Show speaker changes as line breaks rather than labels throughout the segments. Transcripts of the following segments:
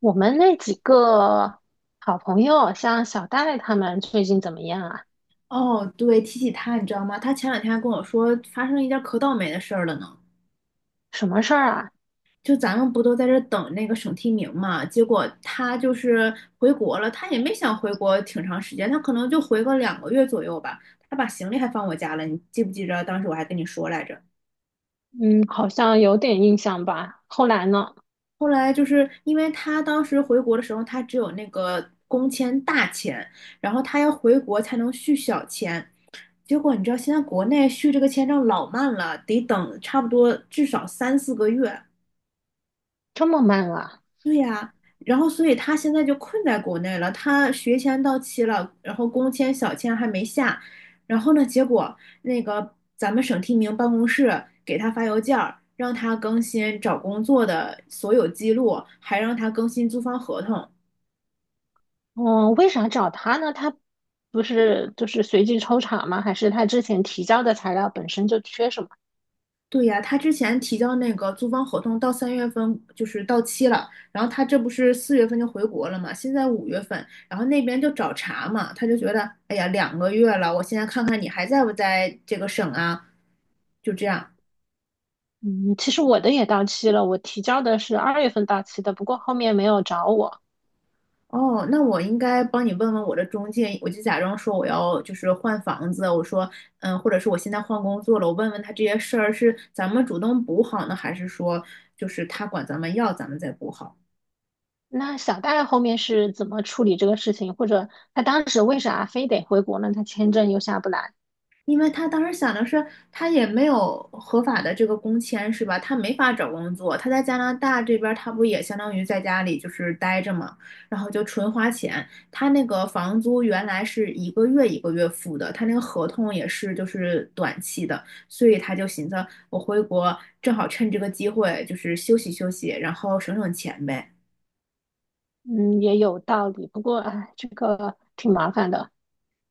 我们那几个好朋友，像小戴他们最近怎么样啊？
哦，对，提起他，你知道吗？他前两天还跟我说发生一件可倒霉的事儿了呢。
什么事儿啊？
就咱们不都在这等那个省提名嘛？结果他就是回国了，他也没想回国挺长时间，他可能就回个两个月左右吧。他把行李还放我家了，你记不记着？当时我还跟你说来着。
嗯，好像有点印象吧。后来呢？
后来就是因为他当时回国的时候，他只有那个工签大签，然后他要回国才能续小签。结果你知道，现在国内续这个签证老慢了，得等差不多至少三四个月。
这么慢啊？
然后，所以他现在就困在国内了。他学签到期了，然后工签、小签还没下。然后呢，结果那个咱们省提名办公室给他发邮件儿，让他更新找工作的所有记录，还让他更新租房合同。
嗯，为啥找他呢？他不是就是随机抽查吗？还是他之前提交的材料本身就缺什么？
对呀，他之前提交那个租房合同到3月份就是到期了，然后他这不是4月份就回国了嘛，现在5月份，然后那边就找茬嘛，他就觉得，哎呀，两个月了，我现在看看你还在不在这个省啊，就这样。
嗯，其实我的也到期了，我提交的是二月份到期的，不过后面没有找我。
哦，那我应该帮你问问我的中介，我就假装说我要就是换房子，我说，或者是我现在换工作了，我问问他这些事儿是咱们主动补好呢，还是说就是他管咱们要，咱们再补好？
那小戴后面是怎么处理这个事情，或者他当时为啥非得回国呢？他签证又下不来。
因为他当时想的是，他也没有合法的这个工签，是吧？他没法找工作，他在加拿大这边他不也相当于在家里就是待着嘛，然后就纯花钱。他那个房租原来是一个月一个月付的，他那个合同也是就是短期的，所以他就寻思，我回国正好趁这个机会就是休息休息，然后省省钱呗。
嗯，也有道理，不过哎，这个挺麻烦的。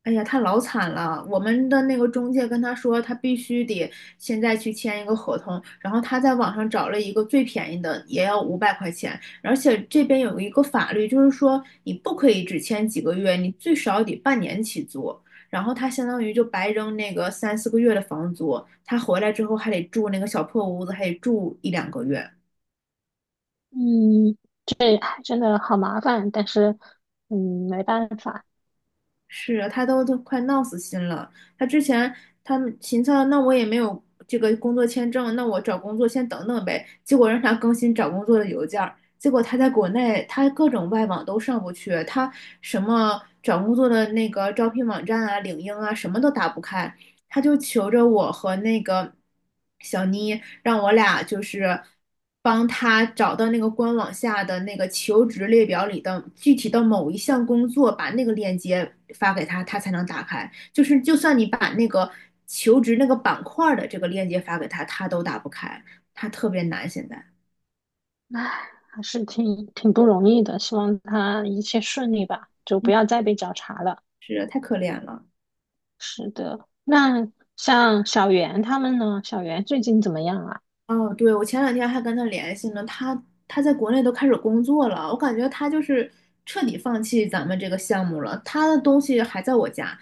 哎呀，他老惨了。我们的那个中介跟他说，他必须得现在去签一个合同，然后他在网上找了一个最便宜的，也要500块钱。而且这边有一个法律，就是说你不可以只签几个月，你最少得半年起租。然后他相当于就白扔那个三四个月的房租，他回来之后还得住那个小破屋子，还得住1、2个月。
嗯，哎真的好麻烦，但是嗯，没办法。
是他都快闹死心了。他之前他们秦策，那我也没有这个工作签证，那我找工作先等等呗。结果让他更新找工作的邮件儿，结果他在国内他各种外网都上不去，他什么找工作的那个招聘网站啊、领英啊，什么都打不开。他就求着我和那个小妮，让我俩就是帮他找到那个官网下的那个求职列表里的具体的某一项工作，把那个链接发给他，他才能打开。就是就算你把那个求职那个板块的这个链接发给他，他都打不开，他特别难现在。
哎，还是挺不容易的，希望他一切顺利吧，就
嗯，
不要再被找茬了。
是，太可怜了。
是的，那像小袁他们呢？小袁最近怎么样啊？
哦，对，我前两天还跟他联系呢，他在国内都开始工作了，我感觉他就是彻底放弃咱们这个项目了，他的东西还在我家，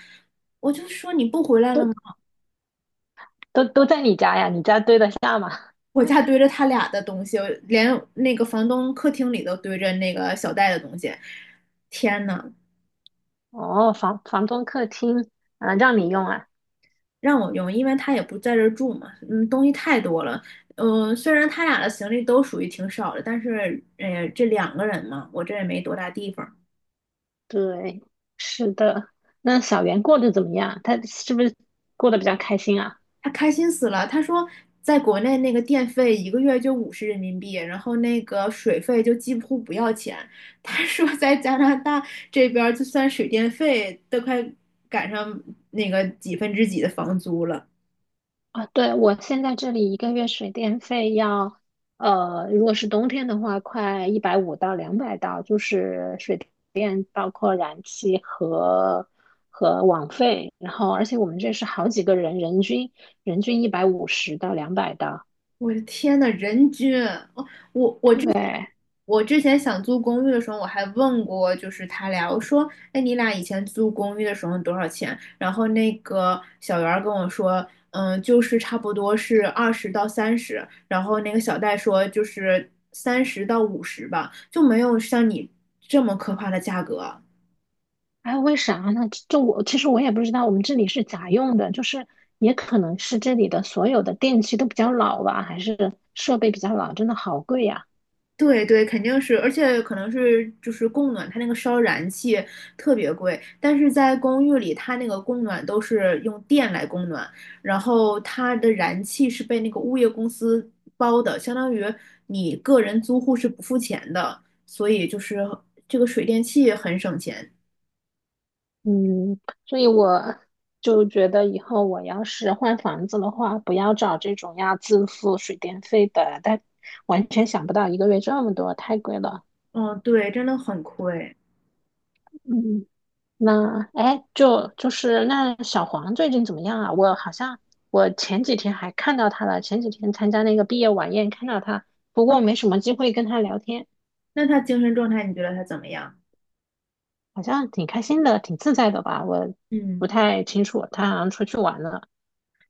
我就说你不回来了
都
吗？
都在你家呀？你家堆得下吗？
我家堆着他俩的东西，连那个房东客厅里都堆着那个小戴的东西，天呐，
哦，房东客厅啊，让你用啊。
让我用，因为他也不在这儿住嘛，东西太多了，虽然他俩的行李都属于挺少的，但是，哎呀，这两个人嘛，我这也没多大地方。
对，是的。那小袁过得怎么样？他是不是过得比较开心啊？
他开心死了。他说，在国内那个电费一个月就50人民币，然后那个水费就几乎不要钱。他说，在加拿大这边，就算水电费都快赶上那个几分之几的房租了。
啊，对，我现在这里一个月水电费要，如果是冬天的话，快一百五到两百刀，就是水电包括燃气和网费，然后而且我们这是好几个人，人均150到两百刀。
我的天呐，人均，我我我之前
对，
我之前想租公寓的时候，我还问过，就是他俩，我说，哎，你俩以前租公寓的时候多少钱？然后那个小袁儿跟我说，就是差不多是20到30，然后那个小戴说就是30到50吧，就没有像你这么可怕的价格。
哎，为啥呢？就我其实我也不知道，我们这里是咋用的，就是也可能是这里的所有的电器都比较老吧，还是设备比较老，真的好贵呀。
对对，肯定是，而且可能是就是供暖，它那个烧燃气特别贵，但是在公寓里，它那个供暖都是用电来供暖，然后它的燃气是被那个物业公司包的，相当于你个人租户是不付钱的，所以就是这个水电气很省钱。
嗯，所以我就觉得以后我要是换房子的话，不要找这种要自付水电费的，但完全想不到一个月这么多，太贵了。
嗯，对，真的很亏。
嗯，那哎，就是那小黄最近怎么样啊？我好像我前几天还看到他了，前几天参加那个毕业晚宴看到他，不过没什么机会跟他聊天。
那他精神状态你觉得他怎么样？
好像挺开心的，挺自在的吧？我不
嗯。
太清楚，他好像出去玩了。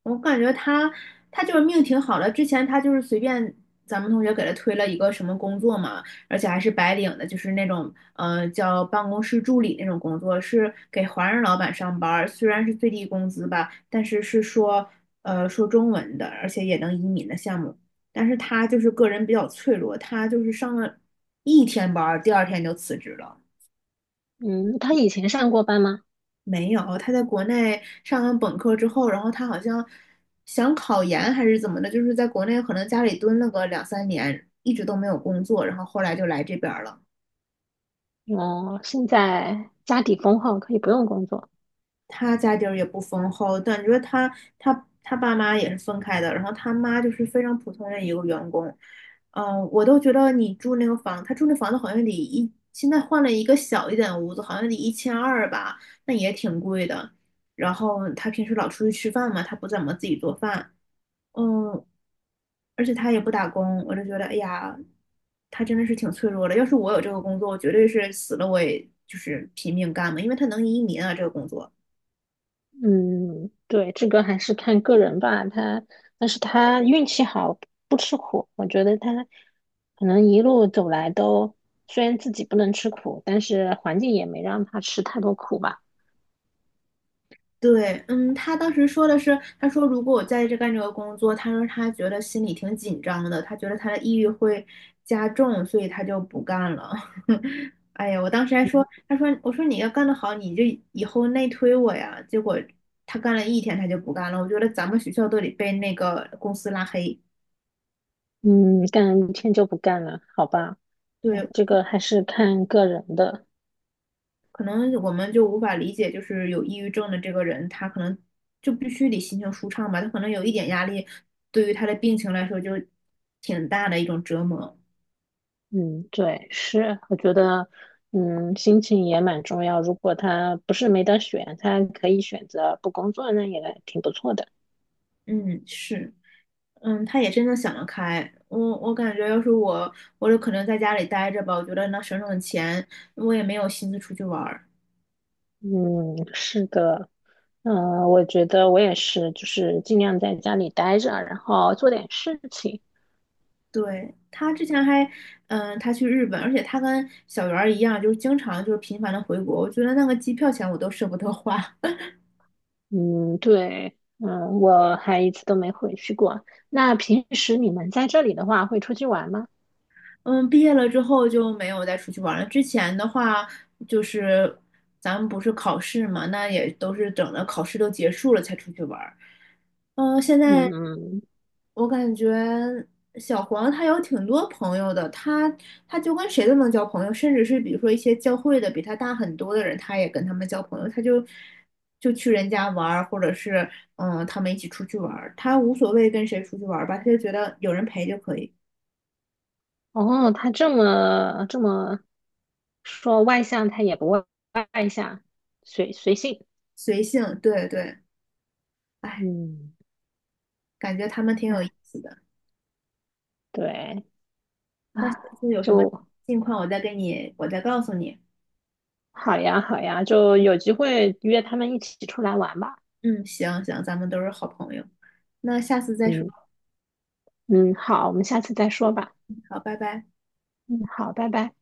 我感觉他就是命挺好的，之前他就是随便咱们同学给他推了一个什么工作嘛，而且还是白领的，就是那种叫办公室助理那种工作，是给华人老板上班儿，虽然是最低工资吧，但是是说中文的，而且也能移民的项目，但是他就是个人比较脆弱，他就是上了一天班儿，第二天就辞职了。
嗯，他以前上过班吗？
没有，他在国内上完本科之后，然后他好像想考研还是怎么的，就是在国内可能家里蹲了个2、3年，一直都没有工作，然后后来就来这边儿了。
哦，现在家底丰厚，可以不用工作。
他家底儿也不丰厚，感觉他爸妈也是分开的，然后他妈就是非常普通的一个员工。嗯，我都觉得你住那个房，他住那房子好像现在换了一个小一点的屋子，好像得1200吧，那也挺贵的。然后他平时老出去吃饭嘛，他不怎么自己做饭。嗯，而且他也不打工，我就觉得，哎呀，他真的是挺脆弱的。要是我有这个工作，我绝对是死了我也就是拼命干嘛，因为他能移民啊，这个工作。
嗯，对，这个还是看个人吧。他，但是他运气好，不吃苦。我觉得他可能一路走来都，虽然自己不能吃苦，但是环境也没让他吃太多苦吧。
对，他当时说的是，他说如果我在这干这个工作，他说他觉得心里挺紧张的，他觉得他的抑郁会加重，所以他就不干了。哎呀，我当时还说，他说，我说你要干得好，你就以后内推我呀。结果他干了一天，他就不干了。我觉得咱们学校都得被那个公司拉黑。
嗯，干一天就不干了，好吧？
对，
哎，这个还是看个人的。
可能我们就无法理解，就是有抑郁症的这个人，他可能就必须得心情舒畅吧，他可能有一点压力，对于他的病情来说就挺大的一种折磨。
嗯，对，是，我觉得，嗯，心情也蛮重要。如果他不是没得选，他可以选择不工作，那也挺不错的。
嗯，是，他也真的想得开。我感觉要是我，我就可能在家里待着吧，我觉得能省省钱，我也没有心思出去玩儿。
嗯，是的。嗯，我觉得我也是，就是尽量在家里待着，然后做点事情。
对，他之前还，他去日本，而且他跟小圆儿一样，就是经常就是频繁的回国，我觉得那个机票钱我都舍不得花。
嗯，对，嗯，我还一次都没回去过。那平时你们在这里的话，会出去玩吗？
嗯，毕业了之后就没有再出去玩了。之前的话，就是咱们不是考试嘛，那也都是等着考试都结束了才出去玩儿。现在
嗯，
我感觉小黄他有挺多朋友的，他就跟谁都能交朋友，甚至是比如说一些教会的比他大很多的人，他也跟他们交朋友，他就去人家玩儿，或者是他们一起出去玩儿，他无所谓跟谁出去玩儿吧，他就觉得有人陪就可以，
哦，他这么说外向，他也不外向，随性。
随性，对对。哎
嗯，
感觉他们挺
哎，
有意思的。
对，啊，
那下次有什么
就
近况，我再跟你，我再告诉你。
好呀，好呀，就有机会约他们一起出来玩吧。
嗯，行行，咱们都是好朋友。那下次再说，
嗯嗯，好，我们下次再说吧。
好，拜拜。
嗯，好，拜拜。